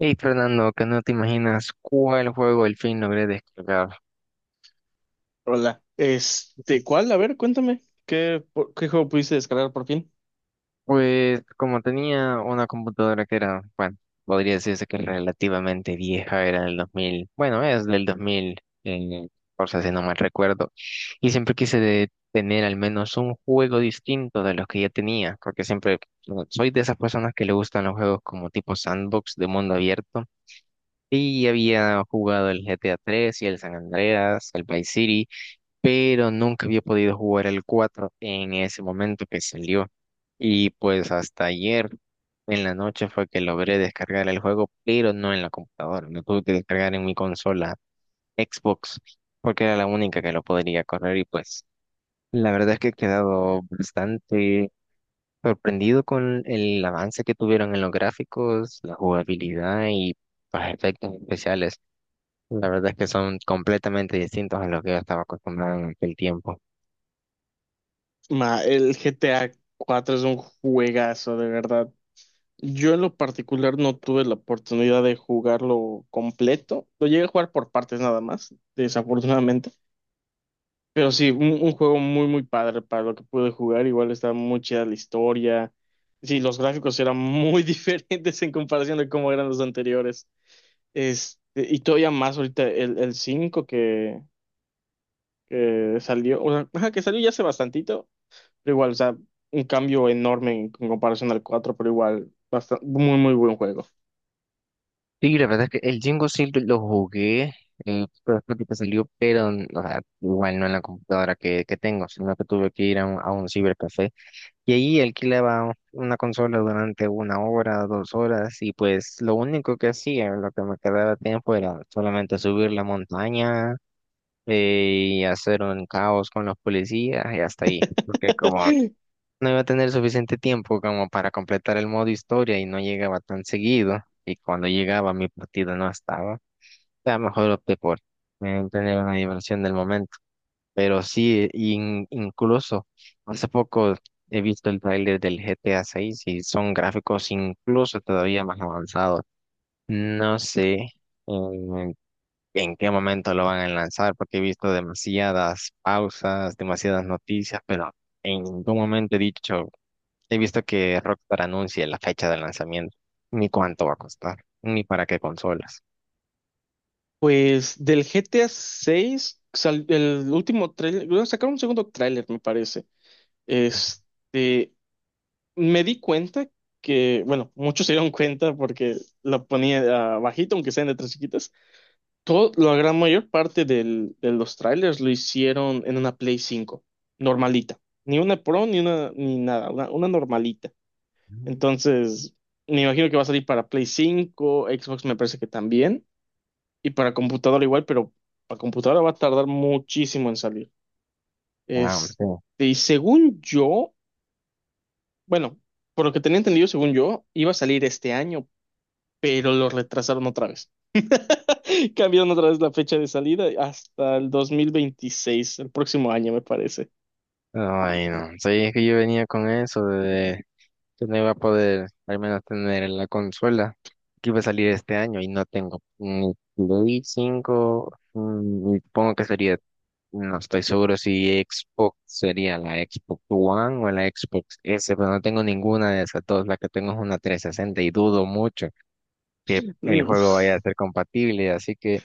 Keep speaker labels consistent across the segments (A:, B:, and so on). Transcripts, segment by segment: A: Hey Fernando, que no te imaginas cuál juego al fin logré descargar.
B: Hola. ¿Cuál? A ver, cuéntame. ¿ Qué juego pudiste descargar por fin?
A: Pues como tenía una computadora que era, bueno, podría decirse que relativamente vieja, era del 2000, bueno, es del 2014 si no mal recuerdo, y siempre quise tener al menos un juego distinto de los que ya tenía, porque siempre bueno, soy de esas personas que le gustan los juegos como tipo sandbox de mundo abierto, y había jugado el GTA 3 y el San Andreas, el Vice City, pero nunca había podido jugar el 4 en ese momento que salió. Y pues hasta ayer en la noche fue que logré descargar el juego, pero no en la computadora. Lo tuve que descargar en mi consola Xbox, porque era la única que lo podría correr. Y pues la verdad es que he quedado bastante sorprendido con el avance que tuvieron en los gráficos, la jugabilidad y los efectos especiales. La verdad es que son completamente distintos a lo que yo estaba acostumbrado en aquel tiempo.
B: Ma, el GTA cuatro es un juegazo, de verdad. Yo en lo particular no tuve la oportunidad de jugarlo completo. Lo llegué a jugar por partes nada más, desafortunadamente. Pero sí, un juego muy, muy padre para lo que pude jugar. Igual está muy chida la historia. Sí, los gráficos eran muy diferentes en comparación de cómo eran los anteriores. Este, y todavía más ahorita el 5 que salió, o sea, ajá, que salió ya hace bastantito, pero igual, o sea, un cambio enorme en comparación al cuatro, pero igual, bastante, muy, muy buen juego.
A: Sí, la verdad es que el Jingo sí lo jugué, pero creo que te salió, pero o sea, igual no en la computadora que tengo, sino que tuve que ir a a un cibercafé y ahí alquilaba una consola durante una hora, dos horas y pues lo único que hacía, lo que me quedaba tiempo era solamente subir la montaña, y hacer un caos con los policías y hasta ahí, porque como no iba a tener suficiente tiempo como para completar el modo historia y no llegaba tan seguido. Y cuando llegaba mi partida no estaba. O sea, mejor opté por tener una diversión del momento. Pero sí, incluso hace poco he visto el tráiler del GTA 6 y son gráficos incluso todavía más avanzados. No sé en, en qué momento lo van a lanzar porque he visto demasiadas pausas, demasiadas noticias, pero en ningún momento he dicho... He visto que Rockstar anuncia la fecha de lanzamiento, ni cuánto va a costar, ni para qué consolas.
B: Pues del GTA 6, el último trailer, bueno, sacaron un segundo tráiler, me parece. Este, Me di cuenta que, bueno, muchos se dieron cuenta porque lo ponía ah, bajito, aunque sean de tres chiquitas. Todo, la gran mayor parte de los trailers lo hicieron en una Play 5, normalita. Ni una Pro, ni una, ni nada, una normalita.
A: Ujú.
B: Entonces, me imagino que va a salir para Play 5, Xbox me parece que también, y para computadora igual, pero para computadora va a tardar muchísimo en salir.
A: Ah, hombre,
B: Este,
A: sí.
B: y según yo, bueno, por lo que tenía entendido, según yo, iba a salir este año, pero lo retrasaron otra vez. Cambiaron otra vez la fecha de salida hasta el 2026, el próximo año me parece.
A: Ay, no. Sí, es que yo venía con eso de que no iba a poder al menos tener la consola que iba a salir este año y no tengo ni Play 5, ni supongo que sería, no estoy seguro si Xbox sería la Xbox One o la Xbox S, pero no tengo ninguna de esas dos. La que tengo es una 360 y dudo mucho que el
B: Mm.
A: juego vaya a ser compatible, así que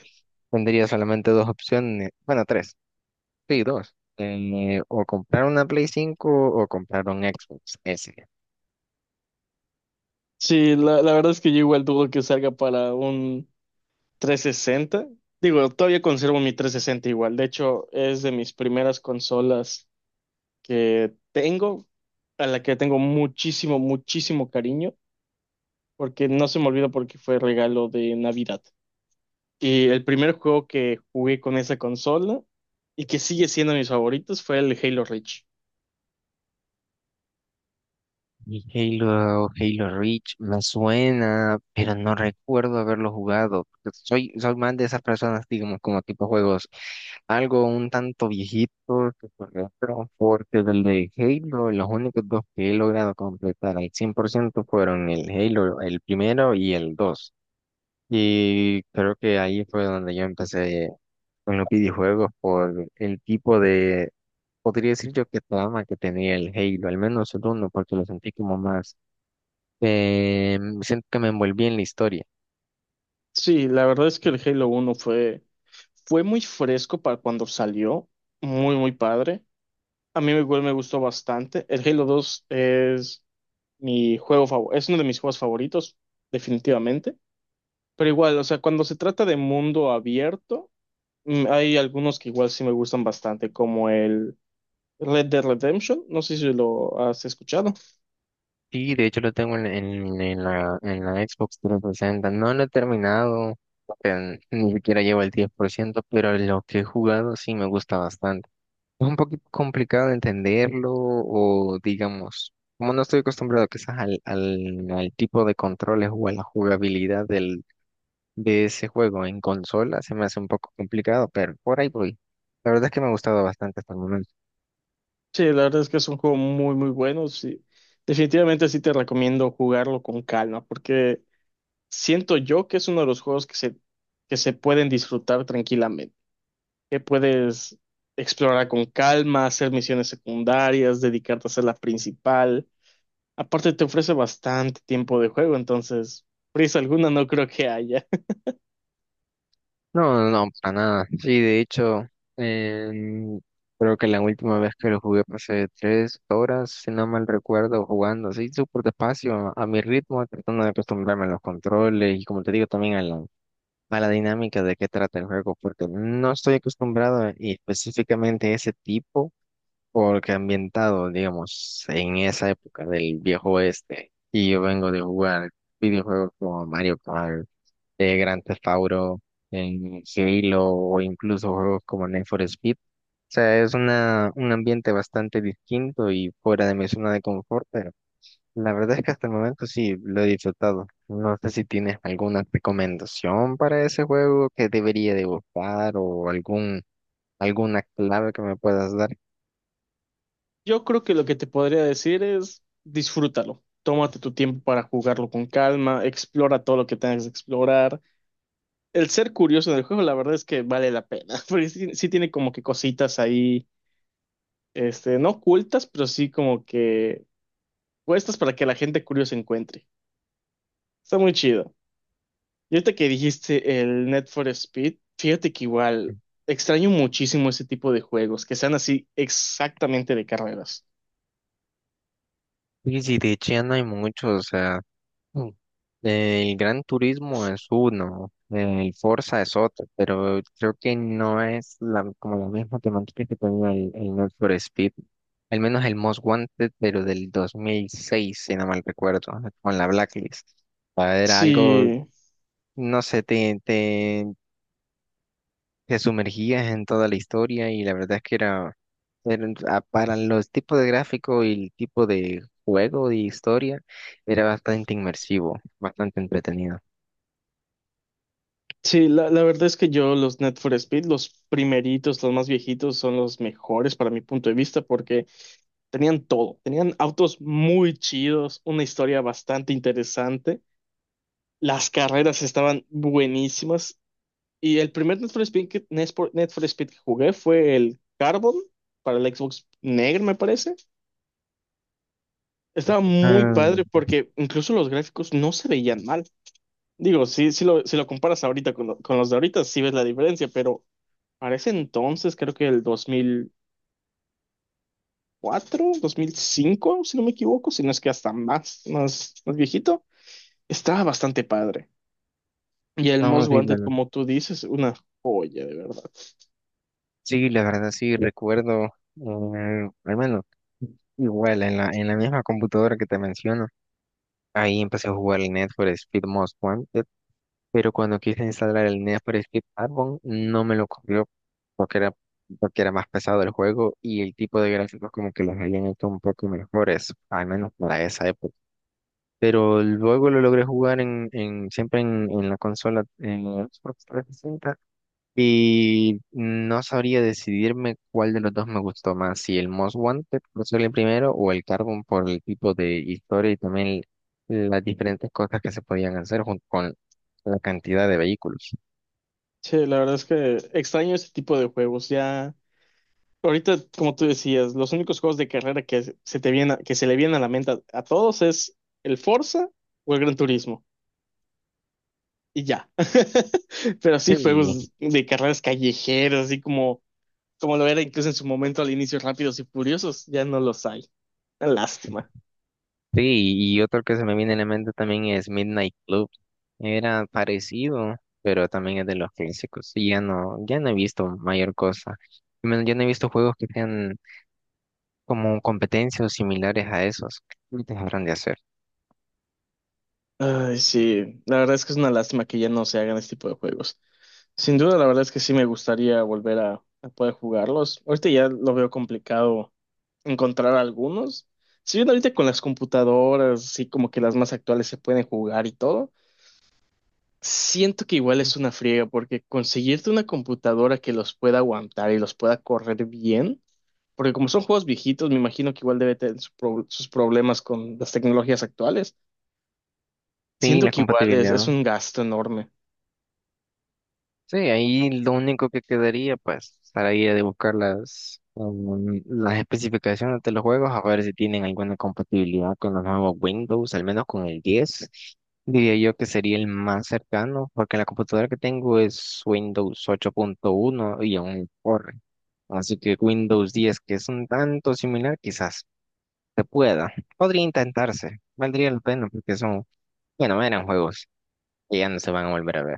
A: tendría solamente dos opciones, bueno, tres, sí, dos, o comprar una Play 5 o comprar un Xbox S.
B: Sí, la verdad es que yo igual dudo que salga para un 360. Digo, todavía conservo mi 360 igual. De hecho, es de mis primeras consolas que tengo, a la que tengo muchísimo, muchísimo cariño, porque no se me olvida porque fue regalo de Navidad. Y el primer juego que jugué con esa consola y que sigue siendo mis favoritos fue el Halo Reach.
A: Y Halo, Halo Reach me suena, pero no recuerdo haberlo jugado, porque soy más de esas personas, digamos, como tipo juegos, algo un tanto viejito, que por ejemplo, porque del de Halo, los únicos dos que he logrado completar al 100% fueron el Halo, el primero y el 2. Y creo que ahí fue donde yo empecé con los videojuegos por el tipo de, podría decir yo que trama que tenía el Halo, al menos el uno, porque lo sentí como más, eh, siento que me envolví en la historia.
B: Sí, la verdad es que el Halo uno fue, fue muy fresco para cuando salió, muy, muy padre. A mí igual me gustó bastante. El Halo 2 es mi juego favorito, es uno de mis juegos favoritos, definitivamente. Pero igual, o sea, cuando se trata de mundo abierto, mm, hay algunos que igual sí me gustan bastante, como el Red Dead Redemption. No sé si lo has escuchado.
A: Sí, de hecho lo tengo en la Xbox 360, no lo he terminado, porque ni siquiera llevo el 10% pero lo que he jugado sí me gusta bastante. Es un poquito complicado de entenderlo o digamos, como no estoy acostumbrado quizás al tipo de controles o a la jugabilidad del, de ese juego en consola, se me hace un poco complicado, pero por ahí voy. La verdad es que me ha gustado bastante hasta el momento.
B: Sí, la verdad es que es un juego muy, muy bueno. Sí. Definitivamente sí te recomiendo jugarlo con calma, porque... Siento yo que es uno de los juegos que se pueden disfrutar tranquilamente, que puedes explorar con calma, hacer misiones secundarias, dedicarte a hacer la principal. Aparte te ofrece bastante tiempo de juego, entonces prisa alguna no creo que haya.
A: No, no, no, para nada. Sí, de hecho, em, creo que la última vez que lo jugué pasé tres horas, si no mal recuerdo, jugando así súper despacio, a mi ritmo, tratando de acostumbrarme a los controles y como te digo también a la dinámica de qué trata el juego, porque no estoy acostumbrado y específicamente ese tipo, porque ambientado, digamos, en esa época del viejo oeste, y yo vengo de jugar videojuegos como Mario Kart, Grand Theft Auto, en Halo, o incluso juegos como Need for Speed. O sea, es una, un ambiente bastante distinto y fuera de mi zona de confort, pero la verdad es que hasta el momento sí lo he disfrutado. No sé si tienes alguna recomendación para ese juego que debería de buscar o algún, alguna clave que me puedas dar.
B: Yo creo que lo que te podría decir es disfrútalo, tómate tu tiempo para jugarlo con calma, explora todo lo que tengas que explorar. El ser curioso en el juego, la verdad es que vale la pena, porque sí, sí tiene como que cositas ahí, no ocultas, pero sí como que puestas para que la gente curiosa encuentre. Está muy chido. Y ahorita que dijiste el Net for Speed, fíjate que igual extraño muchísimo ese tipo de juegos, que sean así exactamente de carreras.
A: Y si de hecho no hay muchos, o sea, mm, el Gran Turismo es uno, el Forza es otro, pero creo que no es la, como la misma temática que tenía el Need for Speed, al menos el Most Wanted, pero del 2006, si no mal recuerdo, con la Blacklist. O sea, era algo,
B: Sí,
A: no sé, te sumergías en toda la historia y la verdad es que era, era para los tipos de gráfico y el tipo de juego de historia, era bastante inmersivo, bastante entretenido.
B: sí, la verdad es que yo los Net for Speed, los primeritos, los más viejitos, son los mejores para mi punto de vista porque tenían todo. Tenían autos muy chidos, una historia bastante interesante. Las carreras estaban buenísimas. Y el primer Need for Speed Need for Speed que jugué fue el Carbon para el Xbox Negro, me parece. Estaba muy
A: Ah,
B: padre porque incluso los gráficos no se veían mal. Digo, sí, si lo comparas ahorita con, con los de ahorita, sí ves la diferencia, pero para ese entonces, creo que el 2004, 2005, si no me equivoco, si no es que hasta más, más, más viejito, estaba bastante padre. Y el
A: vamos
B: Most
A: a
B: Wanted,
A: decirlo.
B: como tú dices, una joya, de verdad.
A: Sí, la verdad sí recuerdo, al menos igual en la misma computadora que te menciono, ahí empecé a jugar el Need for Speed Most Wanted, pero cuando quise instalar el Need for Speed Carbon no me lo corrió porque era más pesado el juego y el tipo de gráficos como que los habían hecho un poco mejores, al menos para esa época. Pero luego lo logré jugar en la consola, en la Xbox 360, y no sabría decidirme cuál de los dos me gustó más, si el Most Wanted por ser el primero o el Carbon por el tipo de historia y también las diferentes cosas que se podían hacer junto con la cantidad de vehículos.
B: Che, la verdad es que extraño ese tipo de juegos. Ya. Ahorita, como tú decías, los únicos juegos de carrera que se le vienen a la mente a todos es el Forza o el Gran Turismo. Y ya. Pero sí,
A: Sí.
B: juegos de carreras callejeras, así como, como lo era incluso en su momento al inicio, Rápidos y Furiosos, ya no los hay. Una lástima.
A: Sí, y otro que se me viene en la mente también es Midnight Club. Era parecido, pero también es de los clásicos. Y ya no, ya no he visto mayor cosa. Y menos, ya no he visto juegos que sean como competencias o similares a esos. ¿Qué te habrán de hacer?
B: Ay, sí, la verdad es que es una lástima que ya no se hagan este tipo de juegos. Sin duda, la verdad es que sí me gustaría volver a poder jugarlos. Ahorita ya lo veo complicado encontrar algunos. Si bien ahorita con las computadoras, así como que las más actuales se pueden jugar y todo, siento que igual es una friega porque conseguirte una computadora que los pueda aguantar y los pueda correr bien, porque como son juegos viejitos, me imagino que igual debe tener su sus problemas con las tecnologías actuales.
A: Sí,
B: Siento
A: la
B: que igual es
A: compatibilidad.
B: un gasto enorme.
A: Sí, ahí lo único que quedaría, pues, estaría de buscar las, las especificaciones de los juegos, a ver si tienen alguna compatibilidad con los nuevos Windows, al menos con el diez. Diría yo que sería el más cercano, porque la computadora que tengo es Windows ocho punto uno y aún corre. Así que Windows 10 que es un tanto similar, quizás se pueda. Podría intentarse, valdría la pena, porque son, bueno, eran juegos que ya no se van a volver a ver.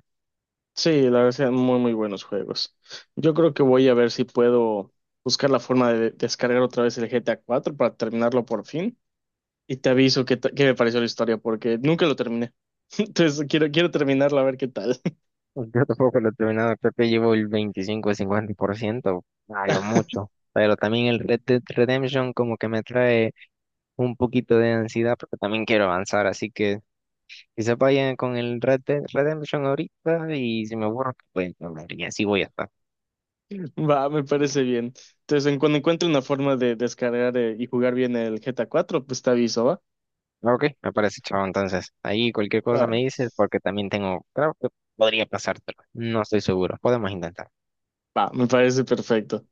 B: Sí, la verdad, son muy, muy buenos juegos. Yo creo que voy a ver si puedo buscar la forma de descargar otra vez el GTA cuatro para terminarlo por fin. Y te aviso qué me pareció la historia, porque nunca lo terminé. Entonces quiero, quiero terminarla a ver qué tal.
A: Pues, yo tampoco lo he terminado, creo que llevo el 25 o 50%, a lo mucho. Pero también el Red Dead Redemption como que me trae un poquito de ansiedad porque también quiero avanzar, así que quizá vaya con el Red Dead Redemption ahorita y si me aburro, pues hablar y así voy a estar.
B: Va, me parece bien. Entonces, en cuando encuentre una forma de descargar y jugar bien el GTA cuatro, pues te aviso, ¿va?
A: Ok, me parece chavo, entonces ahí cualquier cosa
B: Va,
A: me dices porque también tengo, creo que podría pasártelo, no estoy seguro, podemos intentar.
B: me parece perfecto.